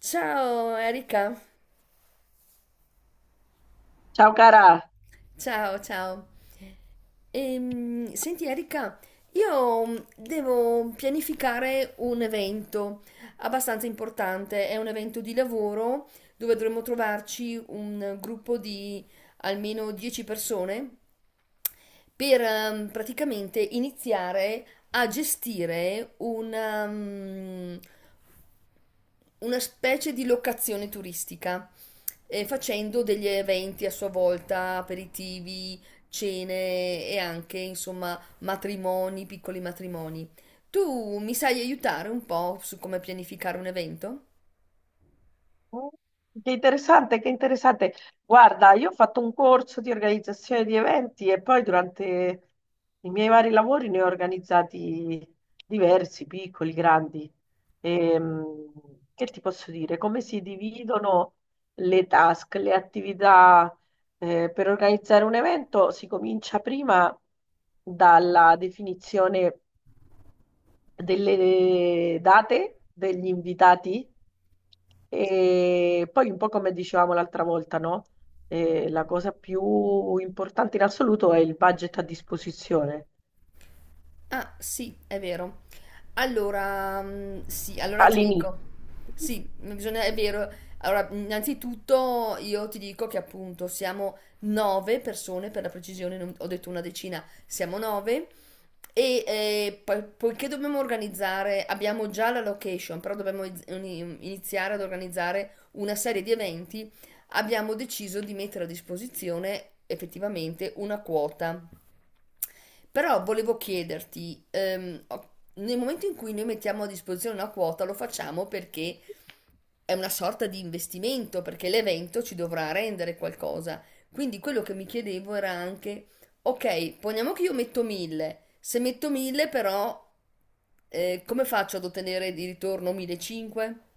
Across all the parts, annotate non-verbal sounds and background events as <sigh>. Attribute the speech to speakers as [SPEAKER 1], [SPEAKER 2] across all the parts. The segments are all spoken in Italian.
[SPEAKER 1] Ciao Erika,
[SPEAKER 2] Ciao cara.
[SPEAKER 1] ciao ciao. Senti Erika, io devo pianificare un evento abbastanza importante, è un evento di lavoro dove dovremmo trovarci un gruppo di almeno 10 persone per praticamente iniziare a gestire una specie di locazione turistica, facendo degli eventi a sua volta, aperitivi, cene e anche, insomma, matrimoni, piccoli matrimoni. Tu mi sai aiutare un po' su come pianificare un evento?
[SPEAKER 2] Mm, che interessante, che interessante. Guarda, io ho fatto un corso di organizzazione di eventi e poi durante i miei vari lavori ne ho organizzati diversi, piccoli, grandi. Ehm, che ti posso dire? Come si dividono le task, le attività, per organizzare un evento? Si comincia prima dalla definizione delle date degli invitati e poi un po' come dicevamo l'altra volta, no? La cosa più importante in assoluto è il budget a disposizione
[SPEAKER 1] Ah, sì, è vero. Allora, sì, allora ti
[SPEAKER 2] all'inizio.
[SPEAKER 1] dico sì, bisogna è vero. Allora, innanzitutto io ti dico che appunto siamo 9 persone, per la precisione non ho detto una decina, siamo 9 e, poi poiché dobbiamo organizzare abbiamo già la location, però dobbiamo iniziare ad organizzare una serie di eventi, abbiamo deciso di mettere a disposizione effettivamente una quota. Però volevo chiederti, nel momento in cui noi mettiamo a disposizione una quota, lo facciamo perché è una sorta di investimento, perché l'evento ci dovrà rendere qualcosa. Quindi quello che mi chiedevo era anche, ok, poniamo che io metto 1000, se metto 1000 però come faccio ad ottenere di ritorno 1500?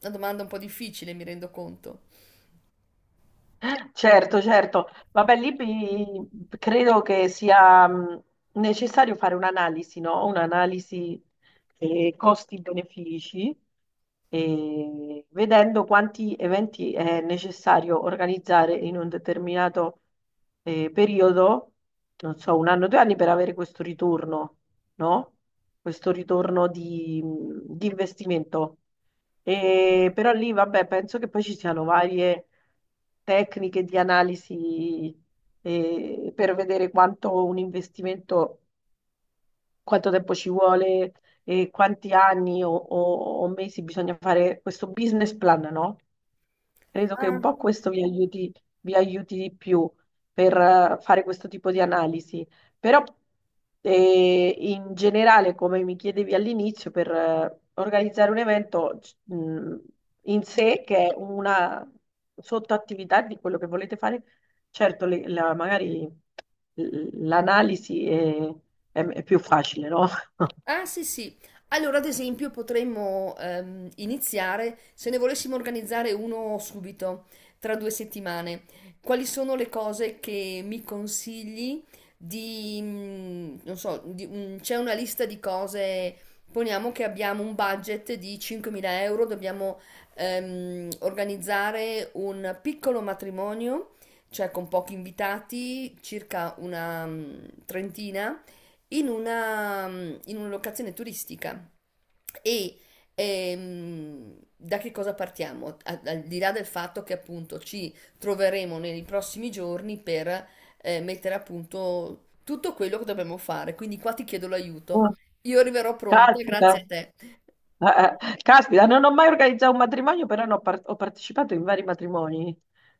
[SPEAKER 1] Una domanda un po' difficile, mi rendo conto.
[SPEAKER 2] Certo, certo. Vabbè, lì credo che sia necessario fare un'analisi, no? Un'analisi costi-benefici, e vedendo quanti eventi è necessario organizzare in un determinato periodo, non so, un anno, due anni, per avere questo ritorno, no? Questo ritorno di investimento. Però lì, vabbè, penso che poi ci siano varie tecniche di analisi per vedere quanto un investimento, quanto tempo ci vuole e quanti anni o mesi bisogna fare questo business plan, no? Credo che un po' questo vi aiuti di più per fare questo tipo di analisi, però in generale, come mi chiedevi all'inizio, per organizzare un evento mh, in sé, che è una sottoattività di quello che volete fare, certo, magari l'analisi è più facile, no?
[SPEAKER 1] Ah sì sì, allora ad esempio potremmo iniziare se ne volessimo organizzare uno subito, tra 2 settimane. Quali sono le cose che mi consigli non so, c'è una lista di cose, poniamo che abbiamo un budget di 5.000 euro, dobbiamo organizzare un piccolo matrimonio, cioè con pochi invitati, circa una trentina in una locazione turistica. E da che cosa partiamo? Al di là del fatto che appunto ci troveremo nei prossimi giorni per mettere a punto tutto quello che dobbiamo fare, quindi qua ti chiedo l'aiuto.
[SPEAKER 2] <laughs>
[SPEAKER 1] Io arriverò pronta, grazie a
[SPEAKER 2] Caspita,
[SPEAKER 1] te.
[SPEAKER 2] eh, caspita, non ho mai organizzato un matrimonio, però ho partecipato in vari matrimoni.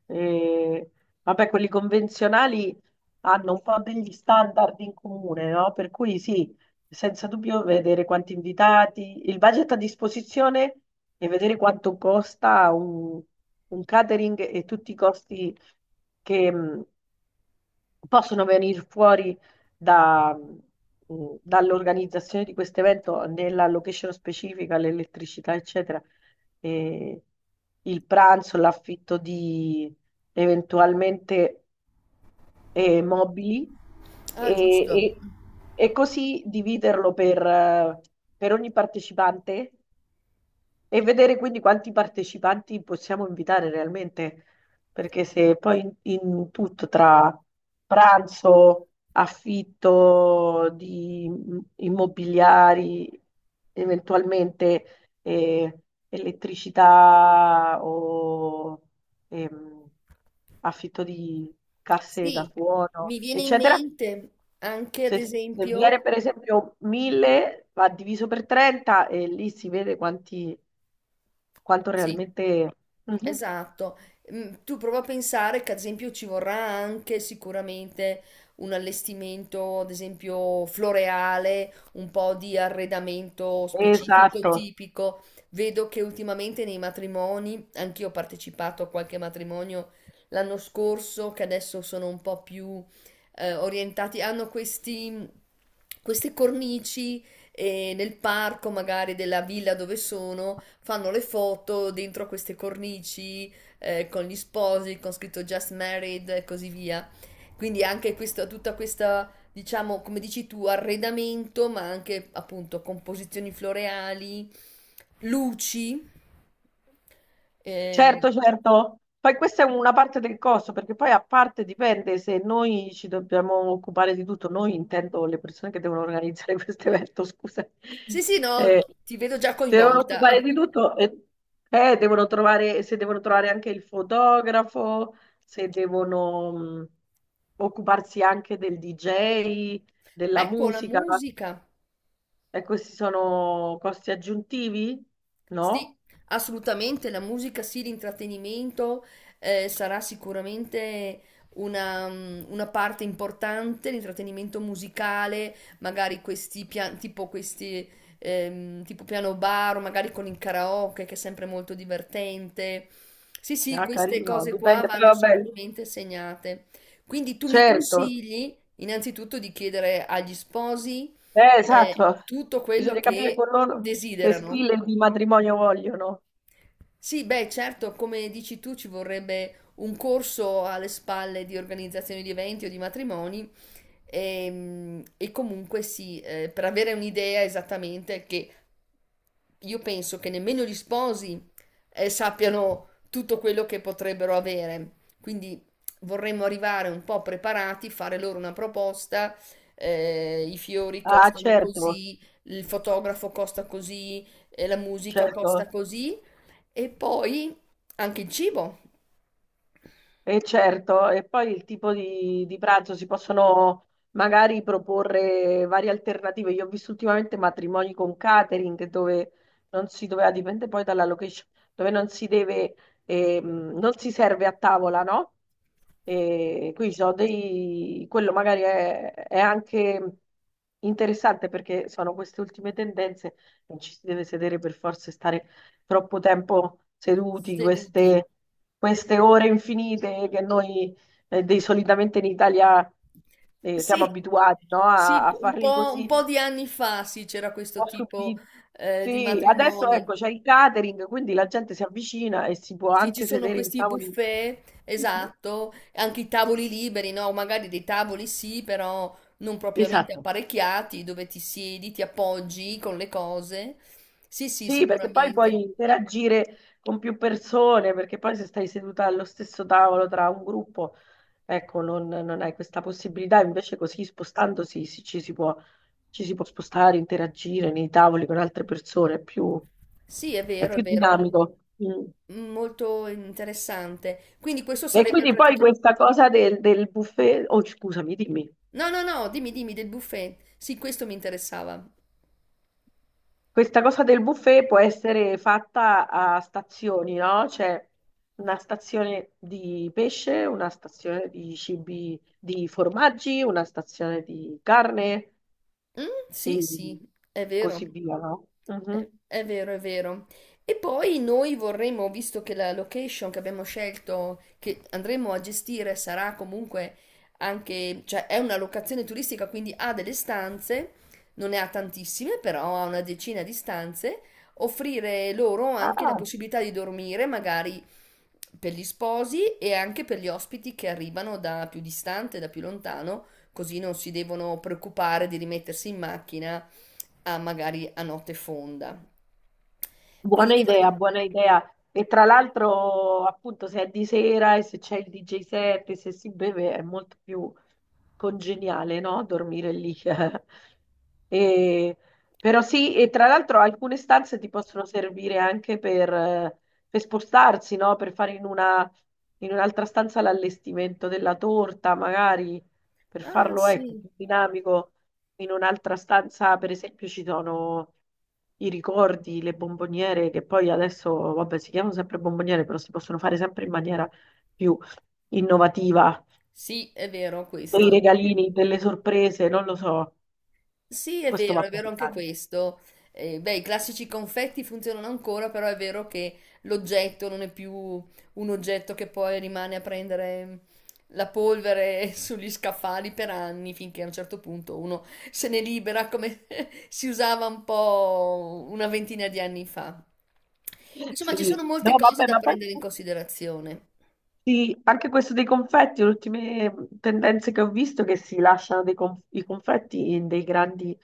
[SPEAKER 2] E, vabbè, quelli convenzionali hanno un po' degli standard in comune, no? Per cui sì, senza dubbio vedere quanti invitati, il budget a disposizione e vedere quanto costa un catering e tutti i costi che, possono venire fuori dall'organizzazione di questo evento, nella location specifica, l'elettricità, eccetera, e il pranzo, l'affitto di eventualmente mobili
[SPEAKER 1] Ah,
[SPEAKER 2] e,
[SPEAKER 1] giusto.
[SPEAKER 2] e- e così dividerlo per ogni partecipante e vedere quindi quanti partecipanti possiamo invitare realmente, perché se poi in tutto tra pranzo, affitto di immobiliari, eventualmente elettricità o ehm, affitto di casse da
[SPEAKER 1] Sì,
[SPEAKER 2] suono,
[SPEAKER 1] mi viene in
[SPEAKER 2] eccetera,
[SPEAKER 1] mente anche ad
[SPEAKER 2] se, se viene
[SPEAKER 1] esempio,
[SPEAKER 2] per esempio 1000, va diviso per 30 e lì si vede quanti, quanto
[SPEAKER 1] sì.
[SPEAKER 2] realmente. Mhm.
[SPEAKER 1] Esatto, Mm, tu prova a pensare che ad esempio ci vorrà anche sicuramente un allestimento, ad esempio floreale, un po' di arredamento specifico,
[SPEAKER 2] Esatto.
[SPEAKER 1] tipico. Vedo che ultimamente nei matrimoni, anch'io ho partecipato a qualche matrimonio l'anno scorso, che adesso sono un po' più orientati, hanno questi, queste cornici e nel parco magari della villa dove sono fanno le foto dentro a queste cornici con gli sposi, con scritto Just Married e così via. Quindi anche questa, tutta questa, diciamo, come dici tu, arredamento, ma anche appunto composizioni floreali, luci. eh.
[SPEAKER 2] Certo, certo. Poi questa è una parte del costo, perché poi a parte dipende se noi ci dobbiamo occupare di tutto, noi intendo le persone che devono organizzare <laughs> questo evento, scusa.
[SPEAKER 1] Sì, sì, no,
[SPEAKER 2] Eh,
[SPEAKER 1] ti vedo già
[SPEAKER 2] si devono
[SPEAKER 1] coinvolta.
[SPEAKER 2] occupare di
[SPEAKER 1] <laughs>
[SPEAKER 2] tutto e devono trovare, se devono trovare anche il fotografo, se devono occuparsi anche del DJ, della
[SPEAKER 1] Ecco la
[SPEAKER 2] musica,
[SPEAKER 1] musica.
[SPEAKER 2] e questi sono costi aggiuntivi?
[SPEAKER 1] Sì,
[SPEAKER 2] No?
[SPEAKER 1] assolutamente, la musica sì, l'intrattenimento sarà sicuramente una parte importante, l'intrattenimento musicale, magari tipo questi tipo piano bar, o magari con il karaoke che è sempre molto divertente. Sì, sì,
[SPEAKER 2] Ah,
[SPEAKER 1] queste
[SPEAKER 2] carino,
[SPEAKER 1] cose qua
[SPEAKER 2] dipende, poi
[SPEAKER 1] vanno
[SPEAKER 2] vabbè,
[SPEAKER 1] sicuramente segnate. Quindi tu mi
[SPEAKER 2] certo,
[SPEAKER 1] consigli innanzitutto di chiedere agli sposi
[SPEAKER 2] esatto.
[SPEAKER 1] tutto quello
[SPEAKER 2] Bisogna capire
[SPEAKER 1] che
[SPEAKER 2] con loro che
[SPEAKER 1] desiderano.
[SPEAKER 2] stile di matrimonio vogliono.
[SPEAKER 1] Sì, beh, certo, come dici tu, ci vorrebbe un corso alle spalle di organizzazione di eventi o di matrimoni. E, comunque sì, per avere un'idea esattamente che io penso che nemmeno gli sposi sappiano tutto quello che potrebbero avere. Quindi vorremmo arrivare un po' preparati, fare loro una proposta, i fiori
[SPEAKER 2] Ah,
[SPEAKER 1] costano
[SPEAKER 2] certo,
[SPEAKER 1] così, il fotografo costa così, la musica costa
[SPEAKER 2] certo.
[SPEAKER 1] così e poi anche il cibo,
[SPEAKER 2] E certo, e poi il tipo di pranzo si possono magari proporre varie alternative. Io ho visto ultimamente matrimoni con catering dove non si doveva, dipende poi dalla location, dove non si deve, non si serve a tavola, no? E qui ci sono dei, quello magari è anche interessante perché sono queste ultime tendenze, non ci si deve sedere per forza e stare troppo tempo seduti,
[SPEAKER 1] seduti.
[SPEAKER 2] queste ore infinite che noi solitamente in Italia siamo
[SPEAKER 1] Sì,
[SPEAKER 2] abituati, no?
[SPEAKER 1] sì,
[SPEAKER 2] A
[SPEAKER 1] un
[SPEAKER 2] farli
[SPEAKER 1] po',
[SPEAKER 2] così,
[SPEAKER 1] un po'
[SPEAKER 2] un
[SPEAKER 1] di anni fa sì, c'era questo
[SPEAKER 2] po'
[SPEAKER 1] tipo
[SPEAKER 2] subiti.
[SPEAKER 1] di
[SPEAKER 2] Sì, adesso
[SPEAKER 1] matrimoni.
[SPEAKER 2] ecco, c'è il catering, quindi la gente si avvicina e si può
[SPEAKER 1] Sì, ci
[SPEAKER 2] anche
[SPEAKER 1] sono
[SPEAKER 2] sedere in
[SPEAKER 1] questi
[SPEAKER 2] tavoli.
[SPEAKER 1] buffet,
[SPEAKER 2] Mhm.
[SPEAKER 1] esatto, anche i tavoli liberi, no? Magari dei tavoli sì, però non propriamente
[SPEAKER 2] Esatto.
[SPEAKER 1] apparecchiati, dove ti siedi, ti appoggi con le cose. Sì, sì,
[SPEAKER 2] Sì, perché poi
[SPEAKER 1] sicuramente.
[SPEAKER 2] puoi interagire con più persone, perché poi se stai seduta allo stesso tavolo tra un gruppo, ecco, non hai questa possibilità, invece così spostandosi ci si può spostare, interagire nei tavoli con altre persone,
[SPEAKER 1] Sì, è
[SPEAKER 2] è
[SPEAKER 1] vero, è
[SPEAKER 2] più
[SPEAKER 1] vero.
[SPEAKER 2] dinamico. Mm.
[SPEAKER 1] Molto interessante. Quindi questo
[SPEAKER 2] E
[SPEAKER 1] sarebbe
[SPEAKER 2] quindi poi
[SPEAKER 1] praticamente...
[SPEAKER 2] questa cosa del buffet, oh scusami, dimmi.
[SPEAKER 1] No, no, no, dimmi, dimmi del buffet. Sì, questo mi interessava.
[SPEAKER 2] Questa cosa del buffet può essere fatta a stazioni, no? C'è una stazione di pesce, una stazione di cibi, di formaggi, una stazione di carne
[SPEAKER 1] Mm, sì,
[SPEAKER 2] e
[SPEAKER 1] sì, è vero.
[SPEAKER 2] così via, no?
[SPEAKER 1] È,
[SPEAKER 2] Mhm.
[SPEAKER 1] è vero, è vero. E poi noi vorremmo, visto che la location che abbiamo scelto, che andremo a gestire, sarà comunque anche, cioè è una locazione turistica, quindi ha delle stanze, non ne ha tantissime, però ha una decina di stanze, offrire loro anche la
[SPEAKER 2] Ah.
[SPEAKER 1] possibilità di dormire, magari per gli sposi e anche per gli ospiti che arrivano da più distante, da più lontano così non si devono preoccupare di rimettersi in macchina a magari a notte fonda. Quindi
[SPEAKER 2] Buona idea,
[SPEAKER 1] dovremmo...
[SPEAKER 2] buona idea. E tra l'altro, appunto, se è di sera e se c'è il DJ set e se si beve è molto più congeniale, no? Dormire lì. <laughs> E- Però sì, e tra l'altro alcune stanze ti possono servire anche per spostarsi, no? Per fare in una, in un'altra stanza l'allestimento della torta, magari, per
[SPEAKER 1] Ah,
[SPEAKER 2] farlo, ecco,
[SPEAKER 1] sì.
[SPEAKER 2] più dinamico in un'altra stanza, per esempio, ci sono i ricordi, le bomboniere, che poi adesso, vabbè, si chiamano sempre bomboniere, però si possono fare sempre in maniera più innovativa,
[SPEAKER 1] Sì, è vero
[SPEAKER 2] dei
[SPEAKER 1] questo.
[SPEAKER 2] regalini, delle sorprese, non lo so,
[SPEAKER 1] Sì,
[SPEAKER 2] questo va
[SPEAKER 1] è vero anche
[SPEAKER 2] pensato.
[SPEAKER 1] questo. Beh, i classici confetti funzionano ancora, però è vero che l'oggetto non è più un oggetto che poi rimane a prendere la polvere <laughs> sugli scaffali per anni, finché a un certo punto uno se ne libera, come <laughs> si usava un po' una ventina di anni fa. Insomma, ci
[SPEAKER 2] Sì,
[SPEAKER 1] sono molte
[SPEAKER 2] no,
[SPEAKER 1] cose
[SPEAKER 2] vabbè,
[SPEAKER 1] da
[SPEAKER 2] ma poi
[SPEAKER 1] prendere in considerazione.
[SPEAKER 2] sì, anche questo dei confetti, le ultime tendenze che ho visto è che si lasciano i confetti in dei grandi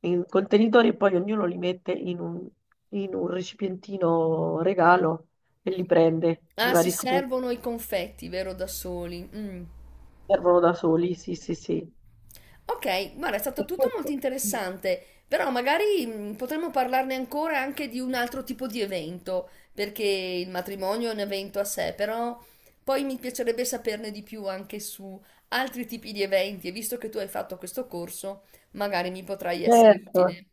[SPEAKER 2] in contenitori e poi ognuno li mette in un recipientino regalo e li prende di
[SPEAKER 1] Ah, si
[SPEAKER 2] vari sapori,
[SPEAKER 1] servono i confetti, vero, da soli. Mm.
[SPEAKER 2] servono da soli, sì, sì, sì.
[SPEAKER 1] Ok, guarda, è stato
[SPEAKER 2] E
[SPEAKER 1] tutto molto
[SPEAKER 2] questo, mm,
[SPEAKER 1] interessante, però magari potremmo parlarne ancora anche di un altro tipo di evento, perché il matrimonio è un evento a sé, però poi mi piacerebbe saperne di più anche su altri tipi di eventi e visto che tu hai fatto questo corso, magari mi potrai essere
[SPEAKER 2] certo,
[SPEAKER 1] utile.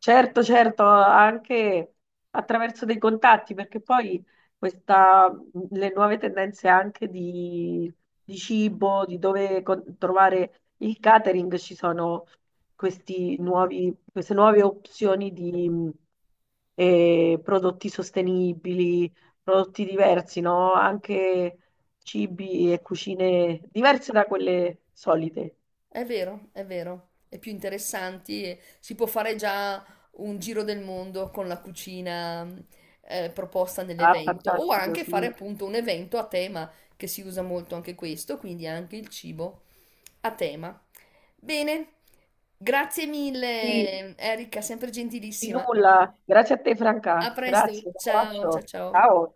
[SPEAKER 2] certo, certo, anche attraverso dei contatti, perché poi questa, le nuove tendenze anche di cibo, di dove trovare il catering, ci sono questi nuovi, queste nuove opzioni di prodotti sostenibili, prodotti diversi, no? Anche cibi e cucine diverse da quelle solite.
[SPEAKER 1] È vero, è vero, è più interessanti e si può fare già un giro del mondo con la cucina proposta
[SPEAKER 2] Ah,
[SPEAKER 1] nell'evento o
[SPEAKER 2] fantastico,
[SPEAKER 1] anche fare
[SPEAKER 2] sì.
[SPEAKER 1] appunto un evento a tema che si usa molto anche questo, quindi anche il cibo a tema. Bene, grazie
[SPEAKER 2] Sì,
[SPEAKER 1] mille Erika, sempre
[SPEAKER 2] di
[SPEAKER 1] gentilissima.
[SPEAKER 2] nulla, grazie a te
[SPEAKER 1] A
[SPEAKER 2] Franca,
[SPEAKER 1] presto,
[SPEAKER 2] grazie, un
[SPEAKER 1] ciao, ciao,
[SPEAKER 2] abbraccio,
[SPEAKER 1] ciao.
[SPEAKER 2] ciao.